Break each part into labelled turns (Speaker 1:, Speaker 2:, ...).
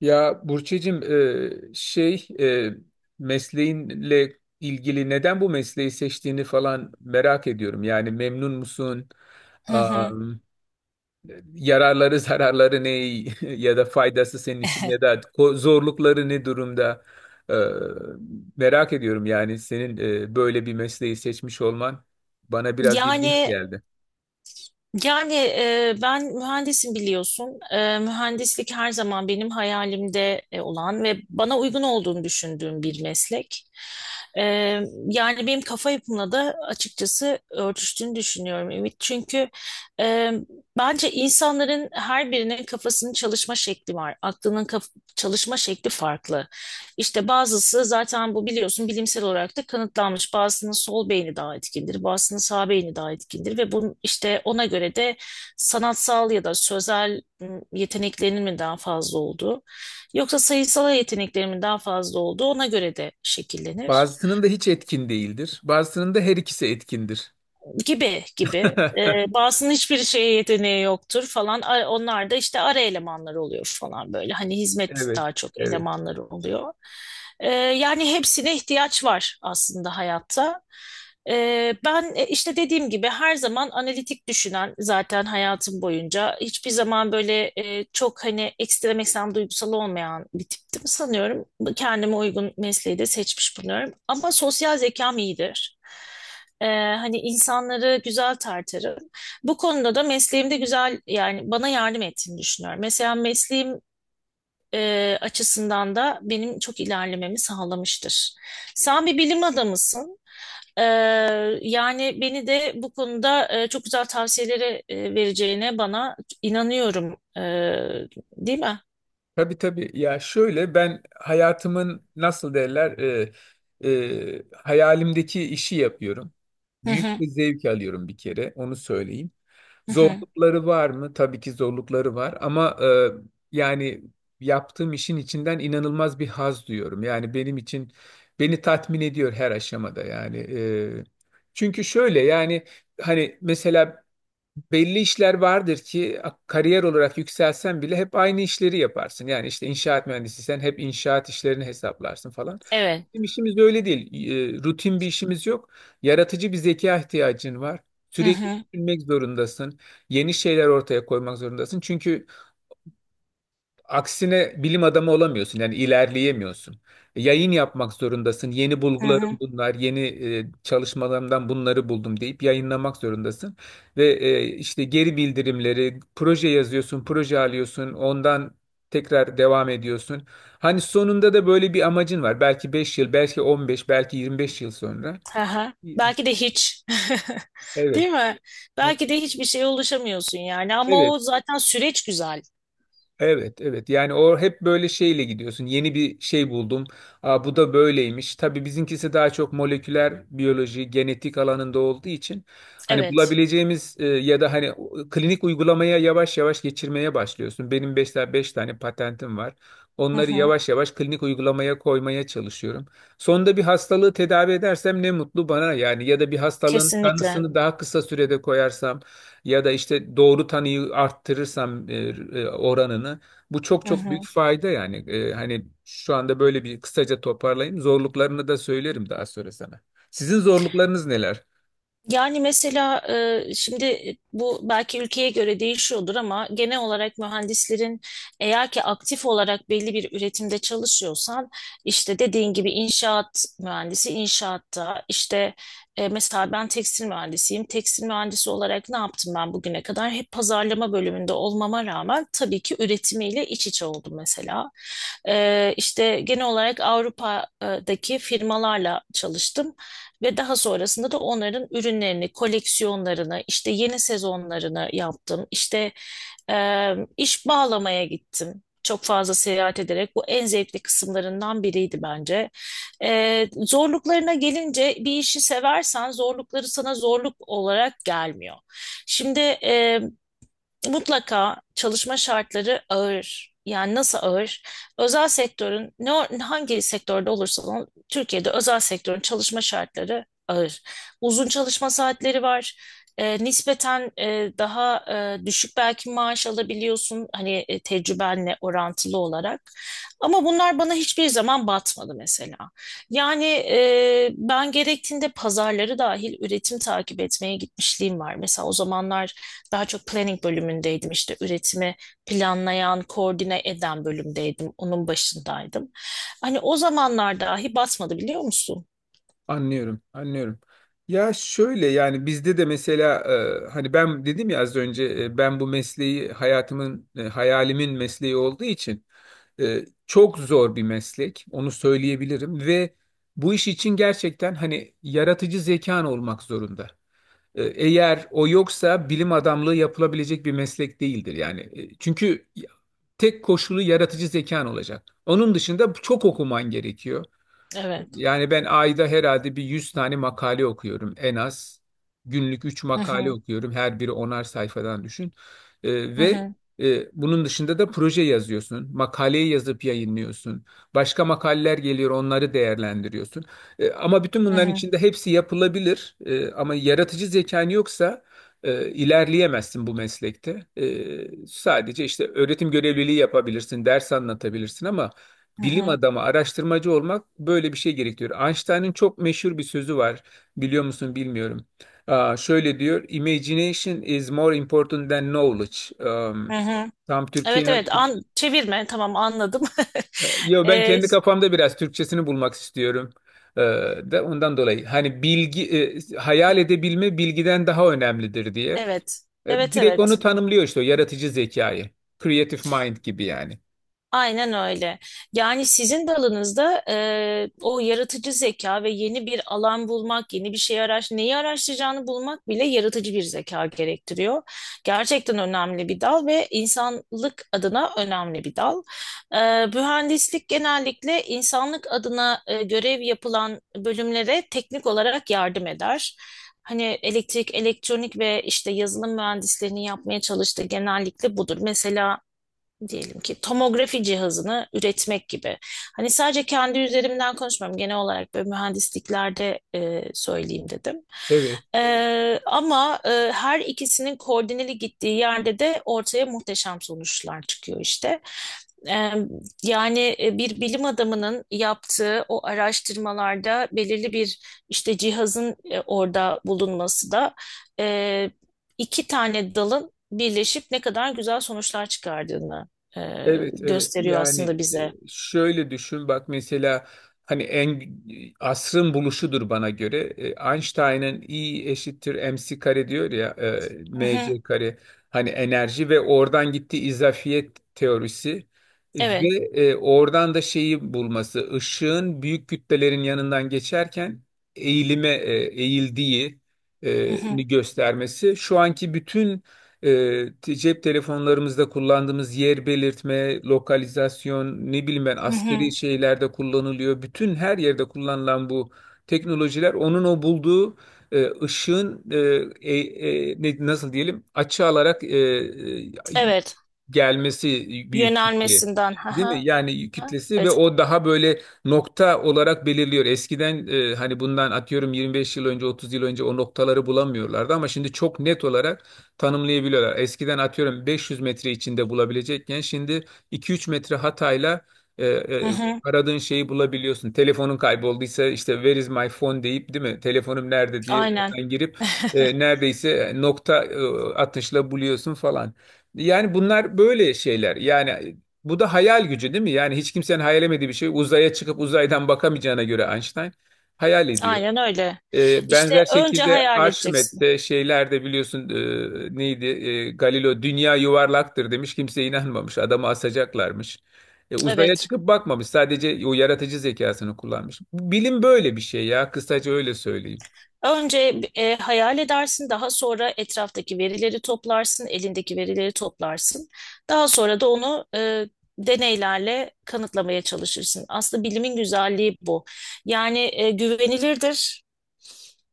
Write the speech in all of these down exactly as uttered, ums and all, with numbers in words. Speaker 1: Ya Burçecim, e, şey e, mesleğinle ilgili neden bu mesleği seçtiğini falan merak ediyorum. Yani memnun musun?
Speaker 2: Hı hı.
Speaker 1: Am, yararları zararları ne ya da faydası senin için ya da ko- zorlukları ne durumda? E, Merak ediyorum yani senin e, böyle bir mesleği seçmiş olman bana biraz ilginç
Speaker 2: Yani
Speaker 1: geldi.
Speaker 2: yani e, ben mühendisim biliyorsun. E, mühendislik her zaman benim hayalimde e, olan ve bana uygun olduğunu düşündüğüm bir meslek. E, Yani benim kafa yapımla da açıkçası örtüştüğünü düşünüyorum Ümit. Çünkü e, bence insanların her birinin kafasının çalışma şekli var. Aklının kaf- çalışma şekli farklı. İşte bazısı zaten bu biliyorsun bilimsel olarak da kanıtlanmış. Bazısının sol beyni daha etkindir, bazısının sağ beyni daha etkindir ve bunun işte ona göre de sanatsal ya da sözel ım, yeteneklerinin mi daha fazla olduğu yoksa sayısal yeteneklerinin mi daha fazla olduğu ona göre de şekillenir.
Speaker 1: Bazısının da hiç etkin değildir. Bazısının da her ikisi etkindir.
Speaker 2: Gibi gibi. E, bazısının hiçbir şeye yeteneği yoktur falan. A- Onlar da işte ara elemanlar oluyor falan böyle. Hani hizmet
Speaker 1: Evet,
Speaker 2: daha çok
Speaker 1: evet.
Speaker 2: elemanları oluyor. E, yani hepsine ihtiyaç var aslında hayatta. E, Ben e, işte dediğim gibi her zaman analitik düşünen zaten hayatım boyunca. Hiçbir zaman böyle e, çok hani ekstrem ekstrem duygusal olmayan bir tiptim sanıyorum. Kendime uygun mesleği de seçmiş bulunuyorum. Ama sosyal zekam iyidir. Ee, Hani insanları güzel tartarım. Bu konuda da mesleğimde güzel yani bana yardım ettiğini düşünüyorum. Mesela mesleğim e, açısından da benim çok ilerlememi sağlamıştır. Sen bir bilim adamısın. Ee, Yani beni de bu konuda e, çok güzel tavsiyeleri e, vereceğine bana inanıyorum. Ee, değil mi?
Speaker 1: Tabii, tabii. Ya şöyle, ben hayatımın nasıl derler e, e, hayalimdeki işi yapıyorum.
Speaker 2: Hı
Speaker 1: Büyük
Speaker 2: hı,
Speaker 1: bir zevk alıyorum, bir kere onu söyleyeyim.
Speaker 2: hı hı.
Speaker 1: Zorlukları var mı? Tabii ki zorlukları var ama e, yani yaptığım işin içinden inanılmaz bir haz duyuyorum. Yani benim için beni tatmin ediyor her aşamada yani. E, çünkü şöyle yani, hani mesela belli işler vardır ki kariyer olarak yükselsen bile hep aynı işleri yaparsın. Yani işte inşaat mühendisiysen hep inşaat işlerini hesaplarsın falan.
Speaker 2: Evet.
Speaker 1: Bizim işimiz öyle değil. E, rutin bir işimiz yok. Yaratıcı bir zeka ihtiyacın var.
Speaker 2: Hı
Speaker 1: Sürekli
Speaker 2: hı,
Speaker 1: düşünmek zorundasın. Yeni şeyler ortaya koymak zorundasın. Çünkü Aksine bilim adamı olamıyorsun yani ilerleyemiyorsun. E, Yayın yapmak zorundasın. Yeni
Speaker 2: hı
Speaker 1: bulgularım
Speaker 2: hı.
Speaker 1: bunlar, yeni e, çalışmalarımdan bunları buldum deyip yayınlamak zorundasın. Ve e, işte geri bildirimleri, proje yazıyorsun, proje alıyorsun, ondan tekrar devam ediyorsun. Hani sonunda da böyle bir amacın var. Belki beş yıl, belki on beş, belki yirmi beş yıl sonra.
Speaker 2: Aha. Belki de hiç.
Speaker 1: Evet.
Speaker 2: Değil mi? Belki de hiçbir şeye ulaşamıyorsun yani. Ama
Speaker 1: Evet.
Speaker 2: o zaten süreç güzel.
Speaker 1: Evet, evet. Yani o hep böyle şeyle gidiyorsun. Yeni bir şey buldum. Aa, bu da böyleymiş. Tabii bizimkisi daha çok moleküler biyoloji, genetik alanında olduğu için hani
Speaker 2: Evet.
Speaker 1: bulabileceğimiz e, ya da hani o- klinik uygulamaya yavaş yavaş geçirmeye başlıyorsun. Benim 5 tane, beş tane patentim var.
Speaker 2: Hı
Speaker 1: Onları
Speaker 2: hı.
Speaker 1: yavaş yavaş klinik uygulamaya koymaya çalışıyorum. Sonunda bir hastalığı tedavi edersem ne mutlu bana yani, ya da bir hastalığın
Speaker 2: Kesinlikle.
Speaker 1: tanısını daha kısa sürede koyarsam ya da işte doğru tanıyı arttırırsam e, e, oranını, bu çok
Speaker 2: Hı
Speaker 1: çok büyük
Speaker 2: hı.
Speaker 1: fayda yani. E, hani şu anda böyle bir kısaca toparlayayım. Zorluklarını da söylerim daha sonra sana. Sizin zorluklarınız neler?
Speaker 2: Yani mesela e, şimdi bu belki ülkeye göre değişiyordur ama genel olarak mühendislerin eğer ki aktif olarak belli bir üretimde çalışıyorsan işte dediğin gibi inşaat mühendisi inşaatta işte e, mesela ben tekstil mühendisiyim. Tekstil mühendisi olarak ne yaptım ben bugüne kadar? Hep pazarlama bölümünde olmama rağmen tabii ki üretimiyle iç içe oldum mesela. E, işte genel olarak Avrupa'daki firmalarla çalıştım. Ve daha sonrasında da onların ürünlerini, koleksiyonlarını, işte yeni sezonlarını yaptım. İşte e, iş bağlamaya gittim. Çok fazla seyahat ederek bu en zevkli kısımlarından biriydi bence. E, zorluklarına gelince bir işi seversen zorlukları sana zorluk olarak gelmiyor. Şimdi e, mutlaka çalışma şartları ağır. Yani nasıl ağır? Özel sektörün ne Hangi sektörde olursa olsun Türkiye'de özel sektörün çalışma şartları ağır. Uzun çalışma saatleri var. E, nispeten e, daha e, düşük belki maaş alabiliyorsun hani e, tecrübenle orantılı olarak. Ama bunlar bana hiçbir zaman batmadı mesela. Yani e, ben gerektiğinde pazarları dahil üretim takip etmeye gitmişliğim var. Mesela o zamanlar daha çok planning bölümündeydim işte üretimi planlayan, koordine eden bölümdeydim. Onun başındaydım. Hani o zamanlar dahi basmadı biliyor musun?
Speaker 1: Anlıyorum, anlıyorum. Ya şöyle yani, bizde de mesela e, hani ben dedim ya az önce, e, ben bu mesleği hayatımın e, hayalimin mesleği olduğu için e, çok zor bir meslek, onu söyleyebilirim ve bu iş için gerçekten hani yaratıcı zekan olmak zorunda. E, Eğer o yoksa bilim adamlığı yapılabilecek bir meslek değildir yani. E, Çünkü tek koşulu yaratıcı zekan olacak. Onun dışında çok okuman gerekiyor.
Speaker 2: Evet.
Speaker 1: Yani ben ayda herhalde bir yüz tane makale okuyorum en az. Günlük üç
Speaker 2: Hı
Speaker 1: makale
Speaker 2: hı,
Speaker 1: okuyorum. Her biri onar sayfadan düşün. Ee,
Speaker 2: hı
Speaker 1: ve
Speaker 2: hı,
Speaker 1: e, bunun dışında da proje yazıyorsun. Makaleyi yazıp yayınlıyorsun. Başka makaleler geliyor, onları değerlendiriyorsun. Ee, ama bütün
Speaker 2: hı
Speaker 1: bunların
Speaker 2: hı,
Speaker 1: içinde hepsi yapılabilir. Ee, ama yaratıcı zekan yoksa e, ilerleyemezsin bu meslekte. Ee, sadece işte öğretim görevliliği yapabilirsin, ders anlatabilirsin ama
Speaker 2: hı
Speaker 1: bilim
Speaker 2: hı,
Speaker 1: adamı, araştırmacı olmak böyle bir şey gerektiriyor. Einstein'ın çok meşhur bir sözü var. Biliyor musun bilmiyorum. Aa, şöyle diyor: "Imagination is more important than knowledge." Um,
Speaker 2: hı hı.
Speaker 1: tam
Speaker 2: Evet
Speaker 1: Türkiye...
Speaker 2: evet an çevirme tamam anladım.
Speaker 1: Yo, ben
Speaker 2: Ee,
Speaker 1: kendi kafamda biraz Türkçesini bulmak istiyorum. Ee, De ondan dolayı hani bilgi, e, hayal edebilme bilgiden daha önemlidir diye.
Speaker 2: evet.
Speaker 1: E,
Speaker 2: Evet
Speaker 1: direkt onu
Speaker 2: evet.
Speaker 1: tanımlıyor işte, o yaratıcı zekayı. Creative mind gibi yani.
Speaker 2: Aynen öyle. Yani sizin dalınızda e, o yaratıcı zeka ve yeni bir alan bulmak, yeni bir şey araş, neyi araştıracağını bulmak bile yaratıcı bir zeka gerektiriyor. Gerçekten önemli bir dal ve insanlık adına önemli bir dal. E, mühendislik genellikle insanlık adına e, görev yapılan bölümlere teknik olarak yardım eder. Hani elektrik, elektronik ve işte yazılım mühendislerinin yapmaya çalıştığı genellikle budur. Mesela diyelim ki tomografi cihazını üretmek gibi. Hani sadece kendi üzerimden konuşmam. Genel olarak böyle mühendisliklerde e, söyleyeyim dedim.
Speaker 1: Evet.
Speaker 2: E, ama e, her ikisinin koordineli gittiği yerde de ortaya muhteşem sonuçlar çıkıyor işte. E, Yani e, bir bilim adamının yaptığı o araştırmalarda belirli bir işte cihazın e, orada bulunması da e, iki tane dalın birleşip ne kadar güzel sonuçlar çıkardığını e,
Speaker 1: Evet, evet
Speaker 2: gösteriyor
Speaker 1: yani
Speaker 2: aslında
Speaker 1: e,
Speaker 2: bize.
Speaker 1: şöyle düşün bak mesela, hani en asrın buluşudur bana göre, E, Einstein'ın E eşittir mc kare diyor ya, e,
Speaker 2: Hı hı,
Speaker 1: mc kare, hani enerji ve oradan gittiği izafiyet teorisi ve
Speaker 2: evet,
Speaker 1: e, oradan da şeyi bulması, ışığın büyük kütlelerin yanından geçerken eğilime e, eğildiği
Speaker 2: hı
Speaker 1: e,
Speaker 2: hı,
Speaker 1: mi göstermesi, şu anki bütün e, te- cep telefonlarımızda kullandığımız yer belirtme, lokalizasyon, ne bileyim ben,
Speaker 2: hı
Speaker 1: askeri
Speaker 2: hı,
Speaker 1: şeylerde kullanılıyor. Bütün her yerde kullanılan bu teknolojiler onun o bulduğu e, ışığın e, e, e, ne- nasıl diyelim, açı alarak e, e,
Speaker 2: evet.
Speaker 1: gelmesi, büyük kitle.
Speaker 2: Yönelmesinden.
Speaker 1: Değil mi?
Speaker 2: Haha,
Speaker 1: Yani kütlesi ve
Speaker 2: evet,
Speaker 1: o daha böyle nokta olarak belirliyor. Eskiden e, hani bundan atıyorum yirmi beş yıl önce, otuz yıl önce o noktaları bulamıyorlardı ama şimdi çok net olarak tanımlayabiliyorlar. Eskiden atıyorum beş yüz metre içinde bulabilecekken şimdi iki üç metre hatayla e,
Speaker 2: hı
Speaker 1: e,
Speaker 2: hı.
Speaker 1: aradığın şeyi bulabiliyorsun. Telefonun kaybolduysa işte "where is my phone" deyip, değil mi? Telefonum nerede diye
Speaker 2: Aynen.
Speaker 1: oradan girip e, neredeyse nokta e, atışla buluyorsun falan. Yani bunlar böyle şeyler. Yani e, bu da hayal gücü değil mi? Yani hiç kimsenin hayal edemediği bir şey. Uzaya çıkıp uzaydan bakamayacağına göre Einstein hayal ediyor.
Speaker 2: Aynen öyle.
Speaker 1: Ee,
Speaker 2: İşte
Speaker 1: benzer
Speaker 2: önce
Speaker 1: şekilde
Speaker 2: hayal edeceksin.
Speaker 1: Arşimet'te şeylerde biliyorsun, e, neydi? E, Galileo dünya yuvarlaktır demiş. Kimse inanmamış. Adamı asacaklarmış. E, uzaya
Speaker 2: Evet.
Speaker 1: çıkıp bakmamış. Sadece o yaratıcı zekasını kullanmış. Bilim böyle bir şey ya. Kısaca öyle söyleyeyim.
Speaker 2: Önce e, hayal edersin, daha sonra etraftaki verileri toplarsın, elindeki verileri toplarsın. Daha sonra da onu e, deneylerle kanıtlamaya çalışırsın. Aslında bilimin güzelliği bu. Yani e, güvenilirdir.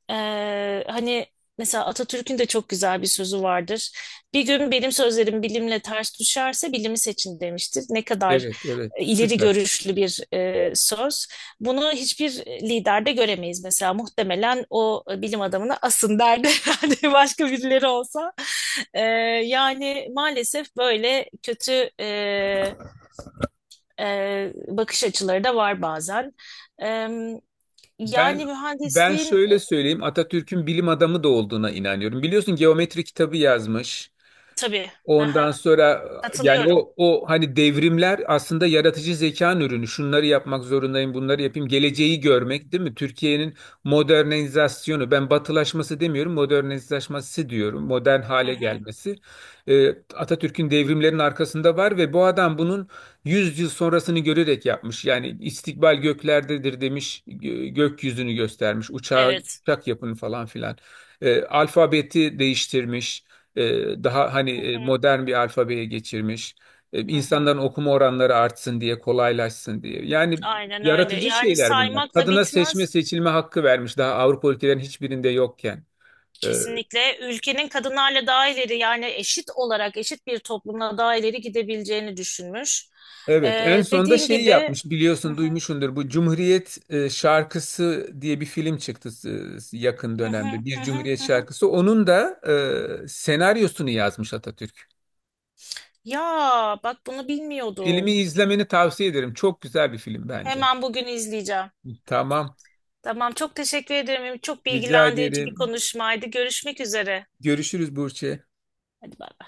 Speaker 2: Ee, hani mesela Atatürk'ün de çok güzel bir sözü vardır. Bir gün benim sözlerim bilimle ters düşerse bilimi seçin demiştir. Ne kadar
Speaker 1: Evet, evet.
Speaker 2: e, ileri
Speaker 1: Süper.
Speaker 2: görüşlü bir e, söz. Bunu hiçbir liderde göremeyiz mesela. Muhtemelen o e, bilim adamına asın derdi herhalde başka birileri olsa. Ee, Yani maalesef böyle kötü e, e, bakış açıları da var bazen. Ee,
Speaker 1: Ben
Speaker 2: Yani
Speaker 1: ben
Speaker 2: mühendisliğin
Speaker 1: şöyle söyleyeyim, Atatürk'ün bilim adamı da olduğuna inanıyorum. Biliyorsun geometri kitabı yazmış.
Speaker 2: tabii.
Speaker 1: Ondan sonra yani
Speaker 2: Katılıyorum.
Speaker 1: o o hani devrimler aslında yaratıcı zekanın ürünü. Şunları yapmak zorundayım, bunları yapayım. Geleceği görmek değil mi? Türkiye'nin modernizasyonu. Ben batılaşması demiyorum, modernizasyonu diyorum. Modern
Speaker 2: Hı
Speaker 1: hale
Speaker 2: hı.
Speaker 1: gelmesi. Ee, Atatürk'ün devrimlerin arkasında var ve bu adam bunun yüz yıl sonrasını görerek yapmış. Yani istikbal göklerdedir demiş, gö- gökyüzünü göstermiş. Uçağı,
Speaker 2: Evet.
Speaker 1: uçak yapın falan filan. Ee, alfabeti değiştirmiş. E, Daha hani
Speaker 2: Hı
Speaker 1: e,
Speaker 2: hı.
Speaker 1: modern bir alfabeye geçirmiş. E,
Speaker 2: Hı hı.
Speaker 1: insanların okuma oranları artsın diye, kolaylaşsın diye. Yani
Speaker 2: Aynen öyle.
Speaker 1: yaratıcı
Speaker 2: Yani
Speaker 1: şeyler bunlar.
Speaker 2: saymakla
Speaker 1: Kadına seçme
Speaker 2: bitmez.
Speaker 1: seçilme hakkı vermiş, daha Avrupa ülkelerin hiçbirinde yokken. E,
Speaker 2: Kesinlikle ülkenin kadınlarla daha ileri yani eşit olarak eşit bir toplumla daha ileri gidebileceğini düşünmüş.
Speaker 1: Evet, en
Speaker 2: Ee,
Speaker 1: son da
Speaker 2: dediğin
Speaker 1: şeyi
Speaker 2: gibi
Speaker 1: yapmış,
Speaker 2: hı hı,
Speaker 1: biliyorsun duymuşsundur, bu Cumhuriyet e, şarkısı diye bir film çıktı e, yakın
Speaker 2: hı hı,
Speaker 1: dönemde,
Speaker 2: hı
Speaker 1: bir
Speaker 2: hı,
Speaker 1: Cumhuriyet
Speaker 2: hı hı.
Speaker 1: şarkısı, onun da e, senaryosunu yazmış Atatürk.
Speaker 2: Ya bak bunu bilmiyordum.
Speaker 1: Filmi izlemeni tavsiye ederim, çok güzel bir film bence.
Speaker 2: Hemen bugün izleyeceğim.
Speaker 1: Tamam,
Speaker 2: Tamam çok teşekkür ederim. Çok
Speaker 1: rica
Speaker 2: bilgilendirici bir
Speaker 1: ederim.
Speaker 2: konuşmaydı. Görüşmek üzere.
Speaker 1: Görüşürüz Burçe.
Speaker 2: Hadi bay.